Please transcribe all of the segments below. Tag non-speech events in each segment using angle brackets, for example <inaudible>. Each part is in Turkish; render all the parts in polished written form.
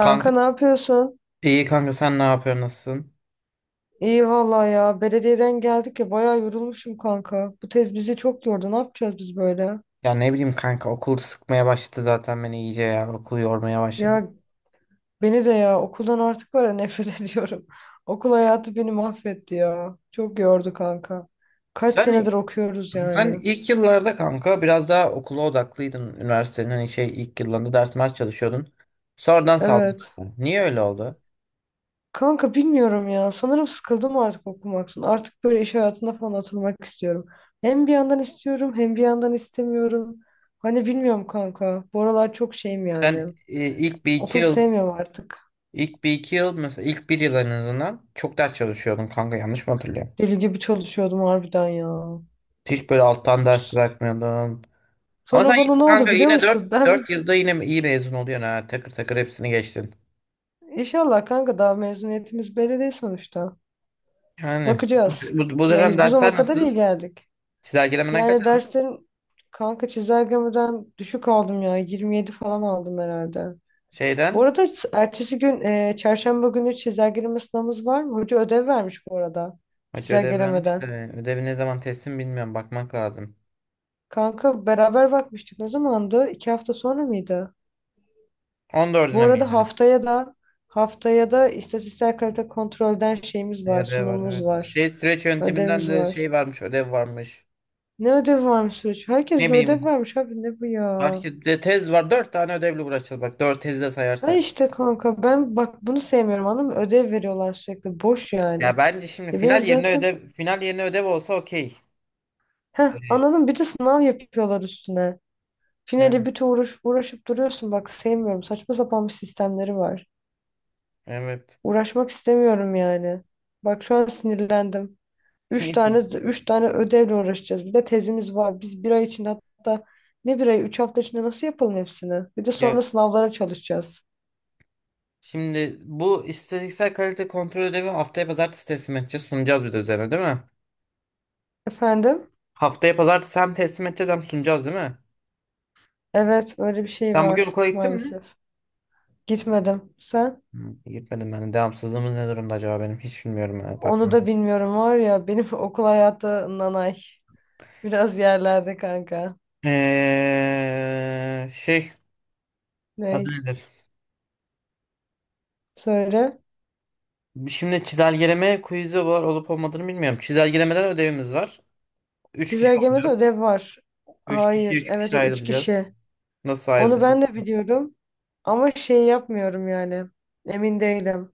Kanka ne yapıyorsun? iyi kanka sen ne yapıyorsun nasılsın? İyi vallahi ya. Belediyeden geldik ya, bayağı yorulmuşum kanka. Bu tez bizi çok yordu. Ne yapacağız biz böyle? Ya ne bileyim kanka okul sıkmaya başladı zaten beni iyice ya okul yormaya başladı. Ya beni de ya okuldan artık var ya nefret <laughs> ediyorum. Okul hayatı beni mahvetti ya. Çok yordu kanka. Kaç Sen senedir okuyoruz sen yani. ilk yıllarda kanka biraz daha okula odaklıydın üniversitenin hani şey ilk yıllarında ders mers çalışıyordun. Sonradan saldın. Evet. Niye öyle oldu? Kanka bilmiyorum ya. Sanırım sıkıldım artık okumaktan. Artık böyle iş hayatına falan atılmak istiyorum. Hem bir yandan istiyorum, hem bir yandan istemiyorum. Hani bilmiyorum kanka. Bu aralar çok şeyim Sen yani. e, Okulu sevmiyorum artık. ilk bir iki yıl mesela ilk bir yıl en azından çok ders çalışıyordun kanka yanlış mı hatırlıyorum? Deli gibi çalışıyordum harbiden ya. Hiç böyle alttan ders bırakmıyordun. Ama sen Sonra yine bana ne oldu kanka biliyor yine musun? dört Ben bir... dört yılda yine iyi mezun oluyorsun ha. Takır takır hepsini geçtin. inşallah kanka, daha mezuniyetimiz belli değil sonuçta. Yani bu, Bakacağız. bu, bu Ya dönem biz bu zamana dersler kadar nasıl? iyi geldik. Çizelgelemeden kaç Yani aldın? derslerin, kanka çizelgemeden düşük aldım ya. 27 falan aldım herhalde. Bu Şeyden arada ertesi gün, çarşamba günü çizelgeleme sınavımız var mı? Hoca ödev vermiş bu arada. hoca ödev vermiş Çizelgelemeden. de ödevi ne zaman teslim bilmiyorum bakmak lazım. Kanka beraber bakmıştık. Ne zamandı? 2 hafta sonra mıydı? Bu 14'üne arada miydi? haftaya da istatistiksel kalite kontrolden şeyimiz E, var, ödev var sunumumuz evet. var, Şey süreç yönteminden ödevimiz de var. şey varmış ödev varmış. Ne ödevi varmış süreç? Herkes Ne bir bileyim ödev vermiş abi, ne bu ya? herkes de tez var. 4 tane ödevle uğraşacağız bak 4 tezi de Ha sayarsak. işte kanka ben bak bunu sevmiyorum, anladın mı? Ödev veriyorlar sürekli, boş Ya yani. bence şimdi Ya benim zaten final yerine ödev olsa okey. heh, E, anladın mı? Bir de sınav yapıyorlar üstüne. Finali yani bütün uğraşıp duruyorsun bak, sevmiyorum. Saçma sapan bir sistemleri var. evet. Uğraşmak istemiyorum yani. Bak şu an sinirlendim. Üç <laughs> tane üç tane ödevle uğraşacağız. Bir de tezimiz var. Biz bir ay içinde, hatta ne bir ay, 3 hafta içinde nasıl yapalım hepsini? Bir de sonra Ya, sınavlara çalışacağız. şimdi bu istatistiksel kalite kontrol ödevi haftaya pazartesi teslim edeceğiz. Sunacağız bir de üzerine değil mi? Efendim? Haftaya pazartesi hem teslim edeceğiz hem sunacağız değil mi? Evet, öyle bir şey Sen bugün var okula gittin mi? maalesef. Gitmedim. Sen? Hı, gitmedim ben. Devamsızlığımız ne durumda acaba benim? Hiç bilmiyorum ya, bak. Onu da bilmiyorum var ya. Benim <laughs> okul hayatı nanay. Biraz yerlerde kanka. Şey adı Ney? nedir? Söyle. Şimdi çizelgeleme quiz'i var olup olmadığını bilmiyorum. Çizelgelemeden ödevimiz var. 3 kişi Çizelgemede olacağız. ödev var. Üç kişi Hayır. üç Evet, kişi üç ayrılacağız. kişi. Nasıl Onu ayrılacağız? ben de biliyorum. Ama şey yapmıyorum yani. Emin değilim.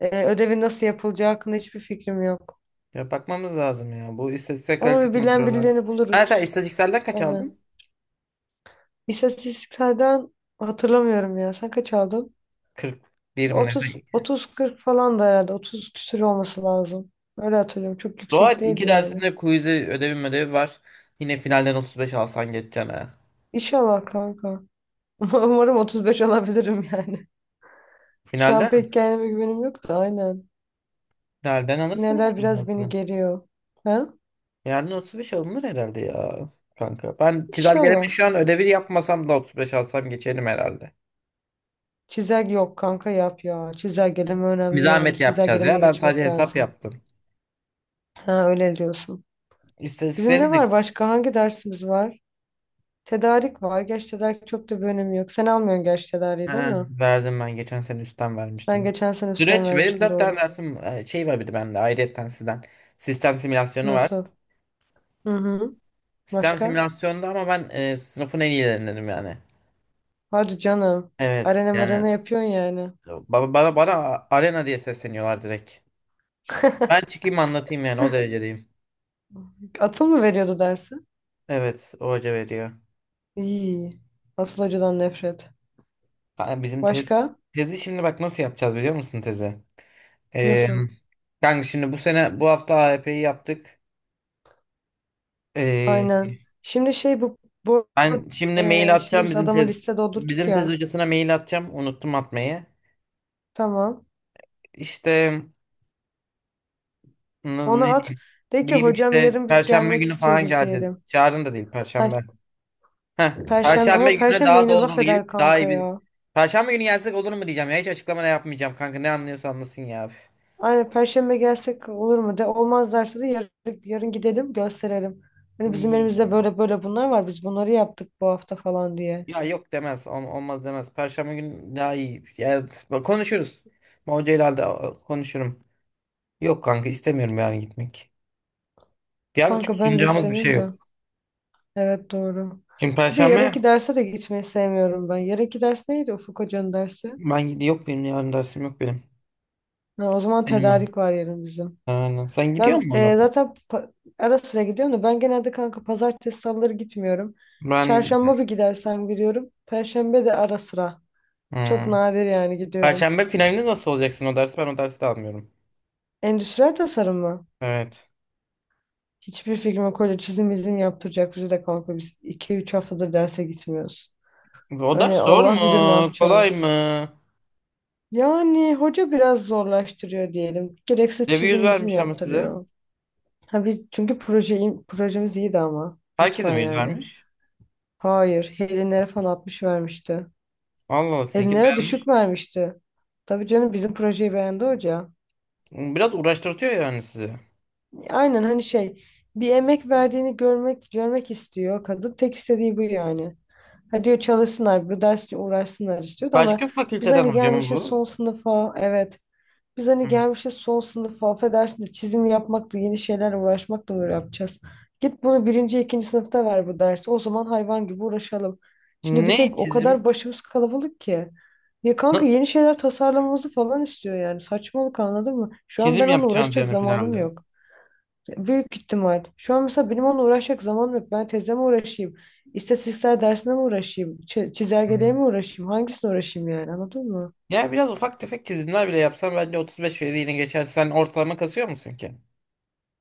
Ödevin nasıl yapılacağı hakkında hiçbir fikrim yok. Ya bakmamız lazım ya. Bu istatistiksel Ama bir kalite bilen kontrolü var. birilerini Ha sen buluruz. istatistikselden kaç Aynen. aldın? İstatistiklerden hatırlamıyorum ya. Sen kaç aldın? 41 Ya mi ne? 30-40 falan da herhalde. 30 küsür olması lazım. Öyle hatırlıyorum. Çok yüksek Doğal değildi iki yani. dersinde quiz'i ödevi var. Yine finalden 35 alsan geçeceksin ha. İnşallah kanka. <laughs> Umarım 35 alabilirim yani. Şu an Finalden? pek kendime güvenim yok da, aynen. Finalden alırsın Finaller herhalde biraz beni aslında. geriyor. Ha? Yani 35 alınır herhalde ya kanka. Ben çizelgeleme İnşallah. şu an ödevi yapmasam da 35 alsam geçerim herhalde. Çizelge yok kanka, yap ya. Çizelgeleme Bir önemli yani. zahmet yapacağız ya. Çizelgelemeye Ben sadece geçmek hesap lazım. yaptım. Ha, öyle diyorsun. Bizim ne İstatistiklerini de var başka? Hangi dersimiz var? Tedarik var. Geç tedarik çok da bir önemi yok. Sen almıyorsun geç tedariği, değil ha, mi? verdim ben. Geçen sene üstten Sen vermiştim. geçen sene üstten Süreç benim vermiştin, 4 tane doğru. dersim şey var bir de bende ayrıyetten sizden. Sistem simülasyonu var. Nasıl? Hı hı. Sistem Başka? simülasyonda ama ben sınıfın en iyilerindenim yani. Hadi canım. Evet Arena yani merana yapıyorsun yani. bana arena diye sesleniyorlar direkt. Ben <laughs> çıkayım anlatayım yani o derecedeyim. Atıl mı veriyordu dersi? Evet o hoca veriyor. İyi. Asıl hocadan nefret. Kanka bizim tez, Başka? tezi şimdi bak nasıl yapacağız biliyor musun tezi? Ee, Nasıl? Kanka şimdi bu sene bu hafta AYP'yi yaptık. Ee, Aynen. Şimdi şey bu bu Ben şimdi mail şimdi atacağım biz adamı liste doldurduk bizim tez ya. hocasına mail atacağım unuttum atmayı. Tamam. İşte Ne Ona at. diyeyim? De ki Diyeyim hocam, işte yarın biz Perşembe gelmek günü falan istiyoruz geleceğiz. diyelim. Yarın da değil Ha, Perşembe. Heh, Perşembe, ama Perşembe gününe Perşembe daha yine dolu laf dolu eder gelip daha kanka iyi bir... ya. Perşembe günü gelsek olur mu diyeceğim ya. Hiç açıklama da yapmayacağım kanka. Ne anlıyorsa anlasın ya. Üf. Aynen, Perşembe gelsek olur mu? De olmaz derse de yarın gidelim, gösterelim. Hani bizim Ni- elimizde böyle böyle bunlar var. Biz bunları yaptık bu hafta falan diye. Ya yok demez. Olmaz demez. Perşembe günü daha iyi. Ya, üf, bak konuşuruz. Ben hocayla da konuşurum. Yok kanka istemiyorum yani gitmek. Yalnız çok Kanka ben de sunacağımız bir şey istemiyorum yok. da. Evet, doğru. Şimdi Bir de Perşembe yarınki derse de gitmeyi sevmiyorum ben. Yarınki ders neydi, Ufuk Hoca'nın dersi? ben gidi yok benim yarın dersim yok benim. Ha, o zaman Benim var. tedarik var yarın bizim. Aynen. Sen gidiyor Ben musun ona? Zaten ara sıra gidiyorum da, ben genelde kanka pazartesi salıları gitmiyorum. Ben Çarşamba bir gidersen gidiyorum. Perşembe de ara sıra. Çok Hmm. nadir yani gidiyorum. Perşembe finalinde nasıl olacaksın o dersi? Ben o dersi de almıyorum. Endüstriyel tasarım mı? Evet. Hiçbir fikrim yok. Öyle çizim izim yaptıracak bizi de kanka. Biz 2-3 haftadır derse gitmiyoruz. O ders Hani zor mu? Allah bilir ne Kolay yapacağız. mı? Yani hoca biraz zorlaştırıyor diyelim. Gereksiz Devi yüz çizim bizim vermiş ama size. yaptırıyor. Ha, biz çünkü projemiz iyiydi ama. Herkese Lütfen mi yüz yani. vermiş? Hayır, Helinlere falan 60 vermişti. Allah Allah sizinki Helinlere düşük beğenmiş. vermişti. Tabii canım, bizim projeyi beğendi hoca. Biraz uğraştırtıyor yani sizi. Aynen, hani şey, bir emek verdiğini görmek istiyor. Kadın tek istediği bu yani. Ha diyor çalışsınlar, bu dersle uğraşsınlar istiyordu ama Başka biz fakülteden hani hoca mı gelmişiz bu? son sınıfa, evet. Biz hani Hı. gelmişiz son sınıfa, affedersin de çizim yapmakla, yeni şeylerle uğraşmakla mı böyle yapacağız? Git bunu birinci, ikinci sınıfta ver bu dersi. O zaman hayvan gibi uğraşalım. Şimdi bir Ne tek o kadar çizim? başımız kalabalık ki. Ya Na- kanka yeni şeyler tasarlamamızı falan istiyor yani. Saçmalık, anladın mı? Şu an ben Çizim onunla yapacaksınız uğraşacak yani zamanım finalde. yok. Büyük ihtimal. Şu an mesela benim onunla uğraşacak zamanım yok. Ben tezle mi uğraşayım? İstatistiksel dersine mi uğraşayım? Hı. Çizelgeliğe mi uğraşayım? Hangisine uğraşayım yani, anladın mı? Ya biraz ufak tefek çizimler bile yapsan bence 35 veriyle geçer. Sen ortalama kasıyor musun ki?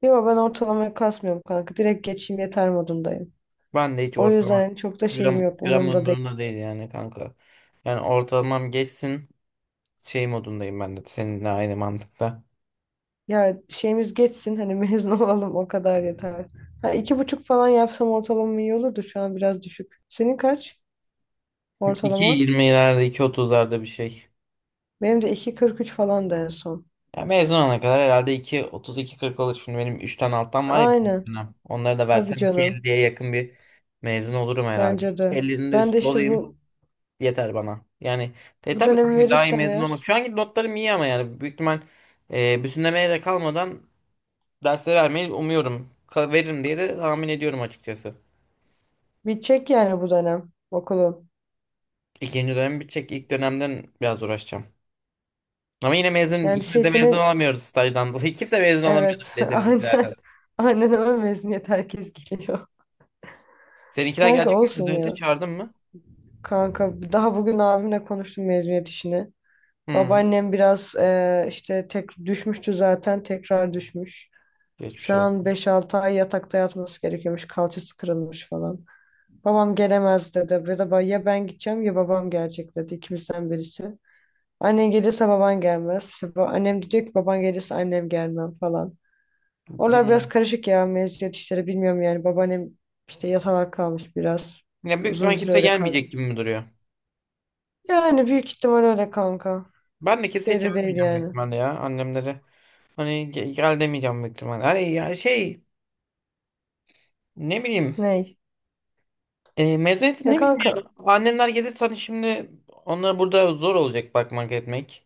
Yok, ben ortalamaya kasmıyorum kanka. Direkt geçeyim yeter modundayım. Ben de hiç O ortalama yüzden çok da şeyim gram, yok, gram umurumda değil. umurumda değil yani kanka. Yani ortalamam geçsin şey modundayım ben de seninle aynı mantıkta. Ya şeyimiz geçsin, hani <laughs> mezun olalım, o kadar yeter. Ha, 2,5 falan yapsam ortalamam iyi olurdu, şu an biraz düşük. Senin kaç <laughs> iki ortalaman? yirmilerde iki otuzlarda bir şey. Benim de 2,43 falan, da en son. Ya mezun olana kadar herhalde iki otuz iki kırk olur. Şimdi benim 3'ten alttan var ya bir Aynen. dönem. Onları da Tabii versem canım. 2,50'ye yakın bir mezun olurum herhalde. Bence de. 2,50'nin de Ben de üstü işte olayım bu yeter bana. Yani Bu tabii dönemi kanka daha iyi verirsem mezun olmak. eğer, Şu anki notlarım iyi ama yani büyük ihtimal bütünlemeye de kalmadan dersleri vermeyi umuyorum. Veririm diye de tahmin ediyorum açıkçası. bitecek yani bu dönem okulum. İkinci dönem bitecek. İlk dönemden biraz uğraşacağım. Ama yine mezun, Yani ikimiz şey de mezun senin, olamıyoruz stajdan dolayı. <laughs> Kimse mezun olamıyordu evet, <laughs> neyse aynen bizimkilerden. aynen öyle, mezuniyet herkes geliyor. Seninkiler Kanka gelecek mi mezun olsun heyeti? ya. Çağırdın mı? Kanka daha bugün abimle konuştum mezuniyet işini. Hmm. Babaannem biraz işte tek düşmüştü zaten, tekrar düşmüş. Geçmiş Şu oldu. an 5-6 ay yatakta yatması gerekiyormuş. Kalçası kırılmış falan. Babam gelemez dedi. Ya da ya ben gideceğim ya babam gelecek dedi. İkimizden birisi. Annen gelirse baban gelmez. İşte annem de diyor ki baban gelirse annem gelmem falan. Oralar biraz Hmm. karışık ya, mezuniyet işleri bilmiyorum yani. Babaannem işte yatalak kalmış biraz. Yani büyük Uzun ihtimal bir süre kimse öyle kalacak. gelmeyecek gibi mi duruyor? Yani büyük ihtimal öyle kanka. Ben de kimseyi Belli değil çağırmayacağım büyük yani. ihtimalle ya annemleri. Hani gel demeyeceğim büyük ihtimalle. Hani ya şey ne bileyim. Ney? E, mezuniyeti ne Ya bileyim ya. kanka, Annemler gelirse hani şimdi onlara burada zor olacak bakmak etmek.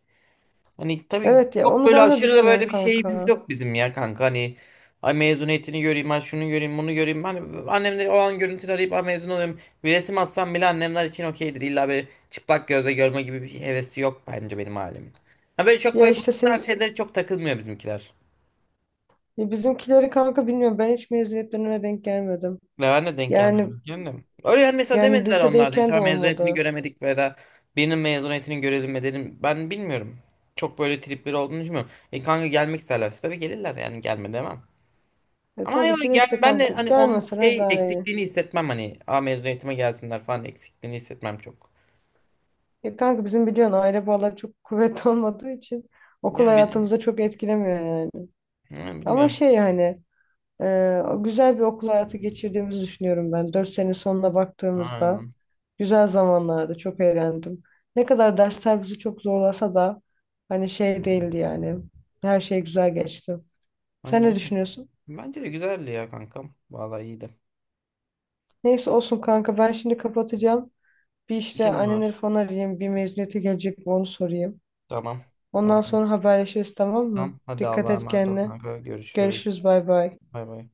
Hani tabii evet, ya çok onu böyle ben de aşırı da düşünüyorum böyle bir şeyimiz kanka. yok bizim ya kanka. Hani ay mezuniyetini göreyim, ay şunu göreyim, bunu göreyim. Hani annemleri o an görüntüleri arayıp ay mezun olayım. Bir resim atsam bile annemler için okeydir. İlla böyle çıplak gözle görme gibi bir hevesi yok bence benim ailemin. Ha böyle çok Ya böyle bu işte tarz senin, şeylere çok takılmıyor bizimkiler. ya bizimkileri kanka bilmiyorum, ben hiç mezuniyetlerine denk gelmedim. Ve ben de denk Yani gelmedim. Kendim. Öyle yani mesela yani demediler onlar da. Hiç lisedeyken de "Ay mezuniyetini olmadı. göremedik veya da birinin mezuniyetini görelim mi dedim. Ben bilmiyorum. Çok böyle tripleri olduğunu düşünmüyorum. E kanka gelmek isterlerse tabii gelirler yani gelme demem. Ama hani Tabii böyle ki de gel işte ben de kanka, hani onun gelmesene şey daha iyi. eksikliğini hissetmem hani a mezun eğitime gelsinler falan eksikliğini hissetmem çok. Ya kanka bizim biliyorsun aile bağları çok kuvvetli <laughs> olmadığı için okul Ya bil hayatımıza çok etkilemiyor yani. ha, Ama bilmiyorum. şey hani güzel bir okul hayatı geçirdiğimizi düşünüyorum ben. 4 sene sonuna baktığımızda Aynen. güzel zamanlardı. Çok eğlendim. Ne kadar dersler bizi çok zorlasa da hani şey değildi yani. Her şey güzel geçti. Sen Aynen. ne Aynen. düşünüyorsun? Bence de güzeldi ya kankam. Vallahi iyiydi. Neyse olsun kanka, ben şimdi kapatacağım. Bir işte İşin mi annemleri var? falan arayayım. Bir mezuniyete gelecek mi onu sorayım. Tamam. Ondan Tamam. sonra haberleşiriz, tamam mı? Tamam. Hadi Dikkat Allah'a et emanet ol kendine. kanka. Görüşürüz. Görüşürüz, bay bay. Bay bay.